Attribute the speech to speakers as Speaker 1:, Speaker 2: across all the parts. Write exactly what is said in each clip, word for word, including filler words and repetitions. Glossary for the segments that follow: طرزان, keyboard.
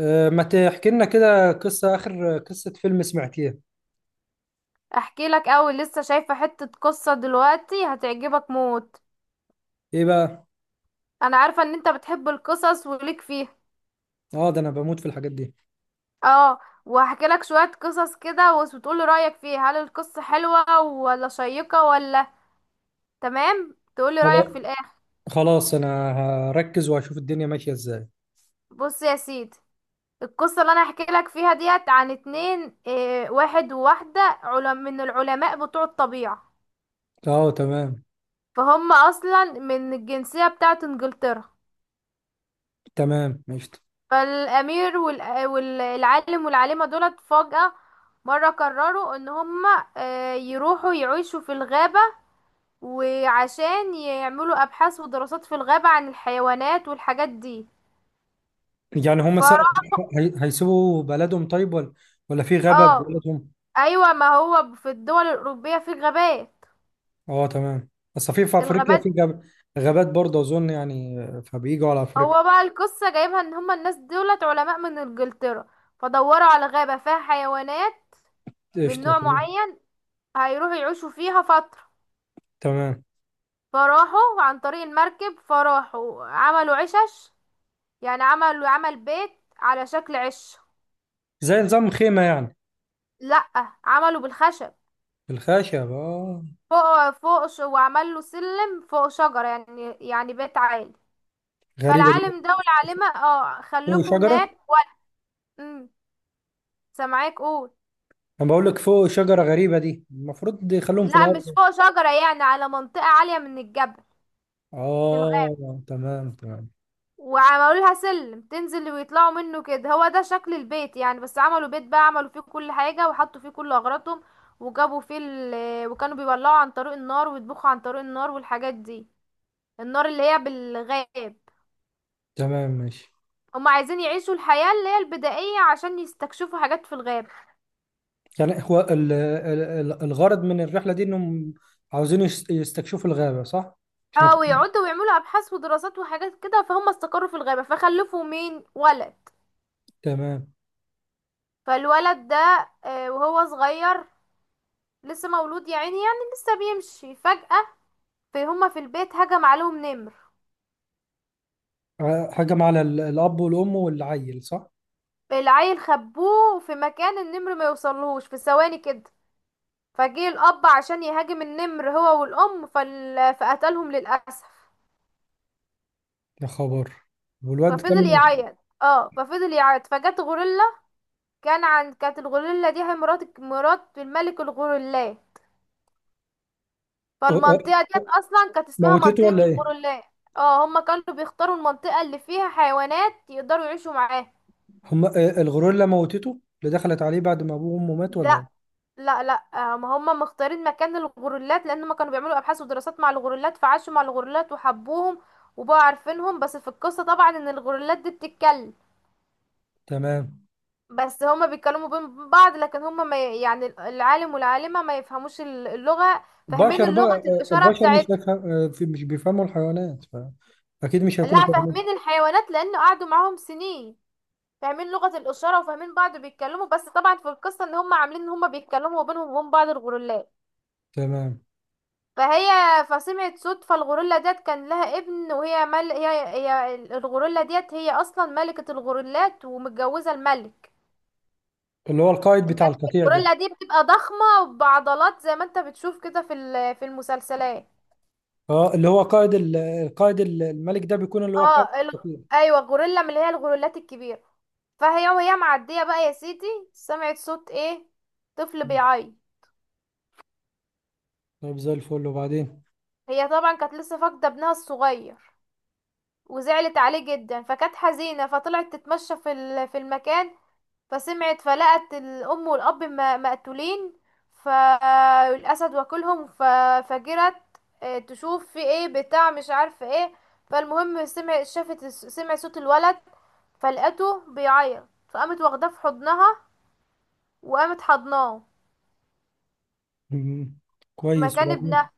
Speaker 1: أه، ما تحكي لنا كده قصة آخر قصة فيلم سمعتيها.
Speaker 2: احكي لك اول لسه شايفة حتة قصة دلوقتي هتعجبك موت.
Speaker 1: إيه بقى؟
Speaker 2: انا عارفة ان انت بتحب القصص وليك فيها.
Speaker 1: آه، ده أنا بموت في الحاجات دي.
Speaker 2: اه وهحكي لك شوية قصص كده وتقولي رأيك فيها، هل القصة حلوة ولا شيقة ولا تمام، تقولي
Speaker 1: خلاص.
Speaker 2: رأيك في الاخر.
Speaker 1: خلاص أنا هركز وهشوف الدنيا ماشية إزاي.
Speaker 2: بص يا سيدي، القصة اللي انا هحكي لك فيها ديت عن اتنين، اه واحد وواحدة، علم من العلماء بتوع الطبيعة،
Speaker 1: آه، تمام.
Speaker 2: فهم اصلا من الجنسية بتاعت انجلترا.
Speaker 1: تمام ماشي.
Speaker 2: فالامير والأ- والعالم والعالمة دولت فجأة مرة قرروا ان هما آه، يروحوا يعيشوا في الغابة، وعشان يعملوا ابحاث ودراسات في الغابة عن الحيوانات والحاجات دي.
Speaker 1: يعني هما س...
Speaker 2: فراح.
Speaker 1: هي... هيسيبوا بلدهم، طيب؟ ولا ولا في غابة في
Speaker 2: اه
Speaker 1: بلدهم؟
Speaker 2: ايوه، ما هو في الدول الاوروبية في غابات.
Speaker 1: آه، تمام. بس في في أفريقيا
Speaker 2: الغابات.
Speaker 1: في غاب... غابات برضه أظن يعني. فبيجوا على أفريقيا.
Speaker 2: هو بقى القصة جايبها ان هما الناس دولت علماء من انجلترا، فدوروا على غابة فيها حيوانات من
Speaker 1: قشطة،
Speaker 2: نوع
Speaker 1: تمام.
Speaker 2: معين هيروحوا يعيشوا فيها فترة.
Speaker 1: تمام.
Speaker 2: فراحوا عن طريق المركب، فراحوا عملوا عشش، يعني عملوا عمل بيت على شكل عش.
Speaker 1: زي نظام خيمة يعني.
Speaker 2: لأ، عملوا بالخشب
Speaker 1: بالخشب، آه.
Speaker 2: فوق فوق ش- وعمل له سلم فوق شجرة، يعني يعني بيت عالي.
Speaker 1: غريبة دي.
Speaker 2: فالعالم ده والعالمة اه
Speaker 1: هو
Speaker 2: خلفوا
Speaker 1: شجرة؟
Speaker 2: هناك و... سامعاك قول.
Speaker 1: انا بقول لك فوق شجره غريبه دي، المفروض يخلوهم في
Speaker 2: لا
Speaker 1: الارض.
Speaker 2: مش فوق شجرة، يعني على منطقة عالية من الجبل في الغابة،
Speaker 1: اه، تمام تمام.
Speaker 2: وعملوا لها سلم تنزل ويطلعوا منه كده، هو ده شكل البيت يعني. بس عملوا بيت بقى، عملوا فيه كل حاجة وحطوا فيه كل أغراضهم، وجابوا فيه ال... آه، وكانوا بيولعوا عن طريق النار ويطبخوا عن طريق النار والحاجات دي، النار اللي هي بالغاب.
Speaker 1: تمام ماشي.
Speaker 2: هم عايزين يعيشوا الحياة اللي هي البدائية عشان يستكشفوا حاجات في الغاب.
Speaker 1: يعني هو ال- ال- ال- الغرض من الرحله دي انهم عاوزين يس- يستكشفوا الغابه، صح؟ عشان
Speaker 2: اه
Speaker 1: يكون-
Speaker 2: ويقعدوا ويعملوا أبحاث ودراسات وحاجات كده. فهم استقروا في الغابة فخلفوا مين ولد.
Speaker 1: تمام.
Speaker 2: فالولد ده آه، وهو صغير لسه مولود يا عيني، يعني لسه بيمشي فجأة. في هما في البيت هجم عليهم نمر.
Speaker 1: آه، هجم على ال- الاب والام والعيل، صح؟
Speaker 2: العيل خبوه في مكان النمر ما يوصلهوش في ثواني كده. فجه الأب عشان يهاجم النمر هو والأم فال... فقتلهم للأسف.
Speaker 1: يا خبر. والواد
Speaker 2: ففضل
Speaker 1: كمل؟
Speaker 2: يعيط. اه ففضل يعيط فجت غوريلا. كان عن كانت الغوريلا دي هي مرات مرات الملك الغوريلا،
Speaker 1: أه- أه-
Speaker 2: فالمنطقة ديت أصلا كانت اسمها
Speaker 1: موتته
Speaker 2: منطقة
Speaker 1: ولا ايه؟
Speaker 2: الغوريلا. اه هما كانوا بيختاروا المنطقة اللي فيها حيوانات يقدروا يعيشوا معاها.
Speaker 1: هم، آه، الغوريلا موتته اللي دخلت عليه بعد ما ابوه وامه مات ولا
Speaker 2: ده
Speaker 1: ايه؟
Speaker 2: لا لا، آه، ما هم مختارين مكان الغوريلات لان هم كانوا بيعملوا ابحاث ودراسات مع الغوريلات، فعاشوا مع الغوريلات وحبوهم وبقوا عارفينهم. بس في القصة طبعا ان الغوريلات دي بتتكلم،
Speaker 1: تمام.
Speaker 2: بس هما بيتكلموا بين بعض، لكن هما ما ي- يعني العالم والعالمة ما يفهموش ال- اللغة، فاهمين
Speaker 1: بشر
Speaker 2: اللغة
Speaker 1: بقى، آه،
Speaker 2: الإشارة
Speaker 1: البشر مش
Speaker 2: بتاعتهم.
Speaker 1: هيفهم- آه، في- مش بيفهموا الحيوانات. اكيد مش هيكونوا
Speaker 2: لا،
Speaker 1: فاهمين.
Speaker 2: فاهمين الحيوانات لأن قعدوا معاهم سنين، فاهمين لغة الإشارة وفاهمين بعض بيتكلموا. بس طبعا في القصة ان هما عاملين ان هما بيتكلموا بينهم وبين بعض الغوريلات.
Speaker 1: تمام.
Speaker 2: فهي فسمعت صوت. فالغوريلا ديت كان لها ابن، وهي مل... هي... هي الغوريلا ديت هي اصلا ملكة الغوريلات ومتجوزة الملك.
Speaker 1: اللي هو القائد بتاع
Speaker 2: الملك
Speaker 1: القطيع ده.
Speaker 2: الغوريلا دي بتبقى ضخمة بعضلات، زي ما انت بتشوف كده في ال... في المسلسلات.
Speaker 1: اه، اللي هو قائد ال- القائد ال- الملك ده بيكون اللي هو قائد
Speaker 2: اه ال...
Speaker 1: القطيع.
Speaker 2: ايوه غوريلا من اللي هي الغوريلات الكبيرة. فهي وهي معدية بقى يا سيدي، سمعت صوت ايه؟ طفل
Speaker 1: مم.
Speaker 2: بيعيط.
Speaker 1: طيب زي الفل، وبعدين؟
Speaker 2: هي طبعا كانت لسه فاقدة ابنها الصغير وزعلت عليه جدا فكانت حزينة، فطلعت تتمشى في ال- في المكان، فسمعت فلقت الأم والأب م- مقتولين، فالأسد واكلهم ففجرت، آه، تشوف في ايه بتاع مش عارفة ايه. فالمهم سمع شافت الس- سمع صوت الولد فلقته بيعيط، فقامت واخداه في حضنها وقامت حضناه
Speaker 1: مم. كويس،
Speaker 2: مكان
Speaker 1: وبعدين؟
Speaker 2: ابنها.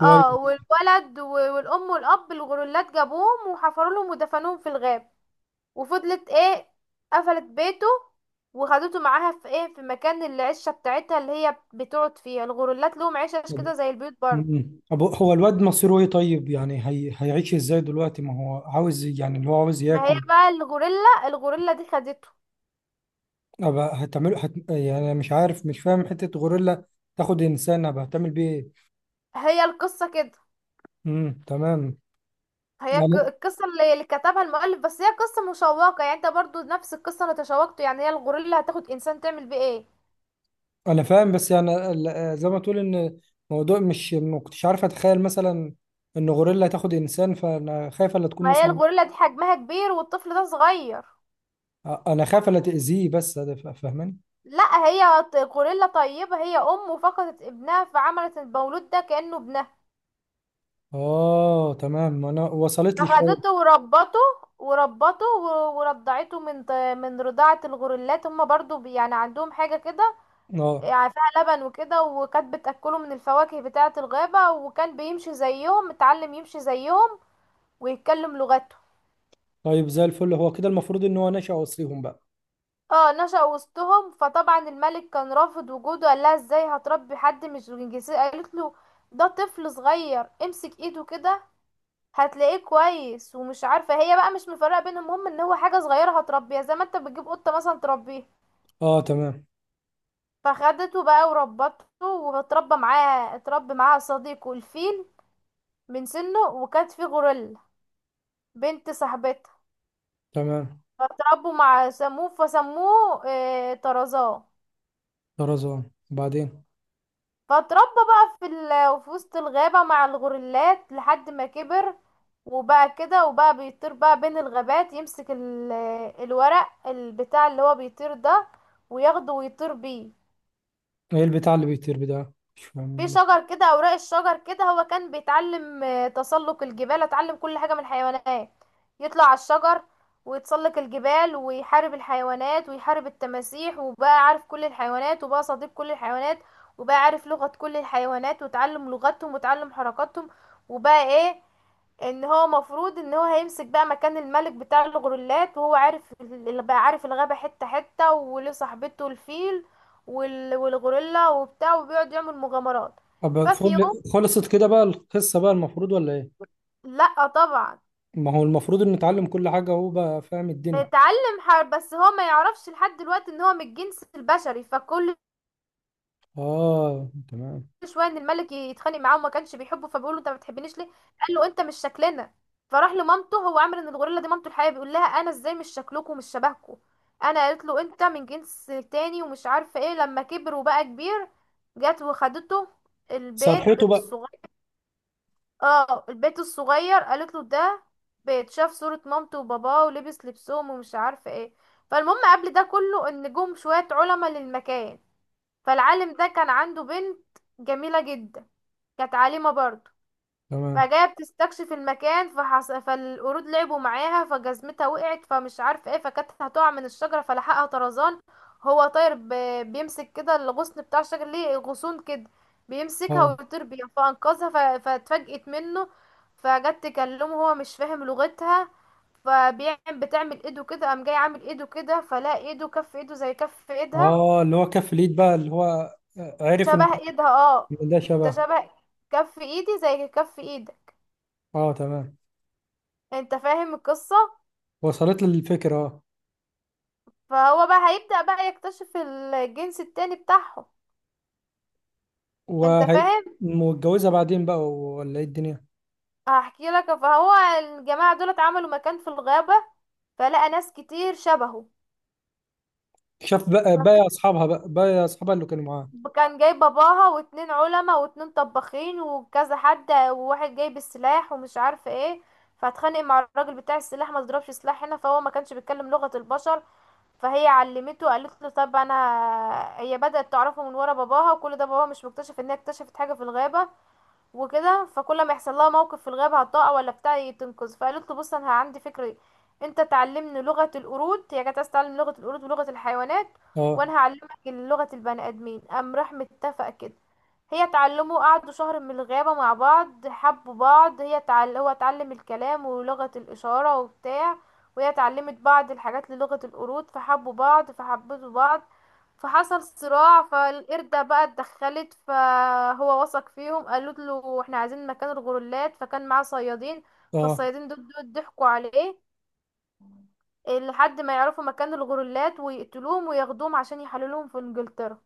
Speaker 2: اه والولد و- والأم والأب الغرولات جابوهم وحفروا لهم ودفنوهم في الغابة. وفضلت ايه، قفلت بيته وخدته معاها في ايه، في مكان العشه بتاعتها اللي هي بتقعد فيها. الغوريلات لهم عشش
Speaker 1: طب.
Speaker 2: كده زي البيوت برضه.
Speaker 1: مم. طب هو الواد مصيره ايه طيب؟ يعني هي... هيعيش ازاي دلوقتي؟ ما هو عاوز، يعني اللي هو عاوز
Speaker 2: ما هي
Speaker 1: ياكل.
Speaker 2: بقى الغوريلا، الغوريلا دي خدته.
Speaker 1: ابقى هتعمله هت... يعني أنا مش عارف، مش فاهم حتة غوريلا تاخد انسان، ابقى هتعمل بيه ايه؟
Speaker 2: هي القصه كده.
Speaker 1: مم. تمام.
Speaker 2: هي ك-
Speaker 1: يعني
Speaker 2: القصه اللي اللي كتبها المؤلف، بس هي قصه مشوقه يعني، انت برضو نفس القصه اللي تشوقته يعني، هي الغوريلا هتاخد انسان تعمل بيه ايه.
Speaker 1: انا فاهم، بس يعني ال- زي ما تقول ان موضوع مش ما كنتش عارف اتخيل مثلا ان غوريلا تاخد انسان، فانا خايف الا تكون
Speaker 2: ما هي
Speaker 1: مثلا.
Speaker 2: الغوريلا دي حجمها كبير والطفل ده صغير.
Speaker 1: انا خايف الا تاذيه، بس ده فا- فاهماني.
Speaker 2: لا، هي ط- غوريلا طيبه، هي ام وفقدت ابنها فعملت المولود ده كانه ابنها،
Speaker 1: اه، تمام، ما انا وصلت لي شويه.
Speaker 2: أخذته وربته. وربته و- ورضعته من ط- من رضاعة الغرلات، هما برضو بي- يعني عندهم حاجة كده
Speaker 1: اه،
Speaker 2: يعني فيها لبن وكده، وكانت بتأكله من الفواكه بتاعة الغابة، وكان بيمشي زيهم، اتعلم يمشي زيهم ويتكلم لغته.
Speaker 1: طيب زي الفل، هو كده المفروض ان هو نشأ وصيهم بقى.
Speaker 2: اه نشأ وسطهم. فطبعا الملك كان رافض وجوده، قال لها ازاي هتربي حد مش من جنسيته؟ قالت له ده طفل صغير، امسك ايده كده هتلاقيه كويس، ومش عارفه، هي بقى مش مفرقه بينهم، المهم ان هو حاجه صغيره هتربيها زي ما انت بتجيب قطه مثلا تربيها.
Speaker 1: اه، تمام
Speaker 2: فخدته بقى وربته، واتربى معاه اتربى معاها صديقه الفيل من سنه، وكانت فيه غوريلا بنت صاحبتها،
Speaker 1: تمام.
Speaker 2: فتربوا مع سموه، فسموه اه طرزان.
Speaker 1: طرزان. بعدين؟
Speaker 2: فاتربى بقى في ال... في وسط الغابة مع الغوريلات لحد ما كبر، وبقى كده، وبقى بيطير بقى بين الغابات يمسك ال... الورق البتاع اللي هو بيطير ده، وياخده ويطير بيه.
Speaker 1: ايه البتاع اللي بيطير ده؟ مش
Speaker 2: في
Speaker 1: فاهم.
Speaker 2: شجر كده، اوراق الشجر كده، هو كان بيتعلم آه، تسلق الجبال، اتعلم كل حاجة من الحيوانات، يطلع على الشجر ويتسلق الجبال ويحارب الحيوانات ويحارب التماسيح، وبقى عارف كل الحيوانات وبقى صديق كل الحيوانات، وبقى عارف لغة كل الحيوانات وتعلم لغتهم وتعلم حركاتهم. وبقى ايه، ان هو مفروض ان هو هيمسك بقى مكان الملك بتاع الغرولات، وهو عارف اللي بقى عارف الغابة حتة حتة، وله صاحبته الفيل وال- والغوريلا وبتاع، وبيقعد يعمل مغامرات.
Speaker 1: طب
Speaker 2: ففي يوم،
Speaker 1: فل- خلصت كده بقى القصه بقى المفروض ولا ايه؟
Speaker 2: لا طبعا،
Speaker 1: ما هو المفروض ان نتعلم كل حاجه وهو بقى فاهم الدنيا.
Speaker 2: اتعلم حرب. بس هو ما يعرفش لحد دلوقتي ان هو من الجنس البشري، فكل
Speaker 1: اه، تمام.
Speaker 2: شويه ان الملك يتخانق معاه وما كانش بيحبه، فبيقول له انت ما بتحبنيش ليه؟ قال له انت مش شكلنا. فراح لمامته، هو عامل ان الغوريلا دي مامته الحقيقيه، بيقول لها انا ازاي مش شكلكم ومش شبهكم؟ انا قالت له انت من جنس تاني ومش عارفه ايه. لما كبر وبقى كبير، جت وخدته البيت
Speaker 1: صرحته بقى.
Speaker 2: الصغير، اه البيت الصغير، قالت له ده بيت، شاف صورة مامته وباباه ولبس لبسهم ومش عارفه ايه. فالمهم قبل ده كله ان جم شويه علماء للمكان. فالعالم ده كان عنده بنت جميلة جدا، كانت عالمة برضه،
Speaker 1: تمام.
Speaker 2: فجاية بتستكشف المكان. فحص... فالقرود لعبوا معاها فجزمتها وقعت فمش عارفة ايه، فكانت هتقع من الشجرة فلحقها طرزان. هو طاير ب... بيمسك كده الغصن بتاع الشجر، ليه غصون كده، بيمسكها
Speaker 1: اه،
Speaker 2: ويطير بيها فأنقذها. ف... فاتفاجئت منه، فجت تكلمه هو مش فاهم لغتها، فبيعمل بتعمل ايده كده، قام جاي عامل ايده كده، فلا ايده كف ايده زي كف ايدها،
Speaker 1: اه، اللي هو كف اليد بقى، اللي هو عرف ان
Speaker 2: شبه ايدها اه،
Speaker 1: إن ده
Speaker 2: انت
Speaker 1: شبه.
Speaker 2: شبه، كف ايدي زي كف ايدك.
Speaker 1: اه، تمام.
Speaker 2: انت فاهم القصة؟
Speaker 1: وصلت له الفكرة، اه.
Speaker 2: فهو بقى هيبدأ بقى يكتشف الجنس التاني بتاعهم. انت
Speaker 1: وهي
Speaker 2: فاهم.
Speaker 1: متجوزة بعدين بقى ولا ايه الدنيا؟
Speaker 2: هحكي لك. فهو الجماعة دول اتعملوا مكان في الغابة، فلقى ناس كتير شبهه.
Speaker 1: شاف بقى بقى
Speaker 2: ففت-
Speaker 1: اصحابها بقى بقى اصحابها اللي كانوا معاه.
Speaker 2: كان جاي باباها واتنين علماء واتنين طباخين وكذا حد، وواحد جايب السلاح ومش عارفه ايه، فاتخانق مع الراجل بتاع السلاح، ما ضربش سلاح هنا، فهو ما كانش بيتكلم لغة البشر. فهي علمته، قالت له طب انا، هي بدأت تعرفه من ورا باباها وكل ده باباها مش مكتشف ان هي اكتشفت حاجة في الغابة وكده، فكل ما يحصل لها موقف في الغابة هتقع ولا بتاع تنقذ. فقالت له بص، انا عندي فكرة، انت تعلمني لغة القرود، هي كانت عايزة تتعلم لغة القرود ولغة الحيوانات،
Speaker 1: اه،
Speaker 2: وانا هعلمك لغة البني ادمين. قام راح متفق كده، هي تعلموا قعدوا شهر من الغابة مع بعض، حبوا بعض، هي تعل... هو اتعلم الكلام ولغة الإشارة وبتاع، وهي اتعلمت بعض الحاجات للغة القرود، فحبوا بعض فحبتوا بعض. فحصل صراع، فالقردة بقى اتدخلت، فهو وثق فيهم، قالت له احنا عايزين مكان الغرولات، فكان معاه صيادين،
Speaker 1: اه،
Speaker 2: فالصيادين دول دول ضحكوا عليه لحد ما يعرفوا مكان الغرولات ويقتلوهم وياخدوهم عشان يحللوهم في انجلترا.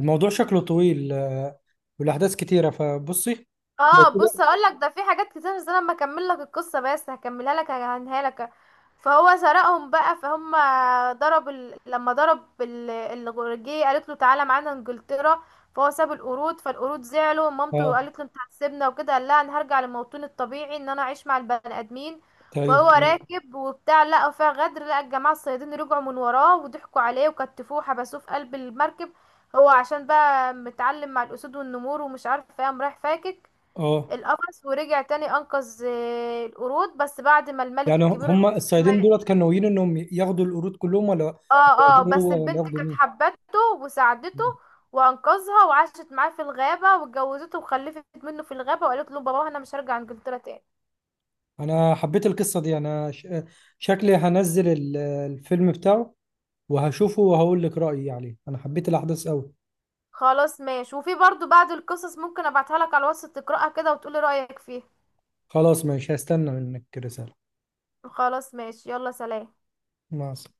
Speaker 1: الموضوع شكله طويل، آه، والاحداث كتيرة فبصي. لو
Speaker 2: اه بص
Speaker 1: كده.
Speaker 2: اقول لك، ده في حاجات كتير، بس انا لما اكمل لك القصه، بس هكملها لك هنهاها لك. فهو سرقهم بقى، فهم ضرب ال... لما ضرب ال... الغرجيه، قالت له تعالى معانا انجلترا. فهو ساب القرود، فالقرود زعلوا، مامته
Speaker 1: اه،
Speaker 2: قالت له انت هتسيبنا وكده، قال لها انا هرجع لموطني الطبيعي ان انا اعيش مع البني ادمين.
Speaker 1: طيب
Speaker 2: فهو
Speaker 1: تمام.
Speaker 2: راكب وبتاع لقى فيها غدر، لقى الجماعه الصيادين رجعوا من وراه وضحكوا عليه وكتفوه وحبسوه في قلب المركب. هو عشان بقى متعلم مع الاسود والنمور ومش عارف ايه، قام رايح فاكك
Speaker 1: اه،
Speaker 2: القفص ورجع تاني انقذ آه، القرود، بس بعد ما الملك
Speaker 1: يعني
Speaker 2: الكبير
Speaker 1: هم
Speaker 2: اتحكم.
Speaker 1: الصيادين دولت كانوا ناويين انهم ياخدوا القرود كلهم ولا ولا
Speaker 2: اه اه بس
Speaker 1: ياخدوا ولا
Speaker 2: البنت
Speaker 1: ياخدوا
Speaker 2: كانت
Speaker 1: مين؟
Speaker 2: حبته وساعدته وانقذها، وعاشت معاه في الغابة واتجوزته وخلفت منه في الغابة، وقالت له بابا انا مش هرجع انجلترا تاني.
Speaker 1: انا حبيت القصه دي. انا ش... شكلي هنزل ال- الفيلم بتاعه وهشوفه وهقول لك رايي عليه. انا حبيت الاحداث قوي.
Speaker 2: خلاص ماشي، وفي برضو بعض القصص ممكن ابعتها لك على الواتس تقراها كده وتقولي رأيك فيها.
Speaker 1: خلاص ماشي، هستنى منك رساله.
Speaker 2: خلاص ماشي، يلا سلام.
Speaker 1: مع السلامه.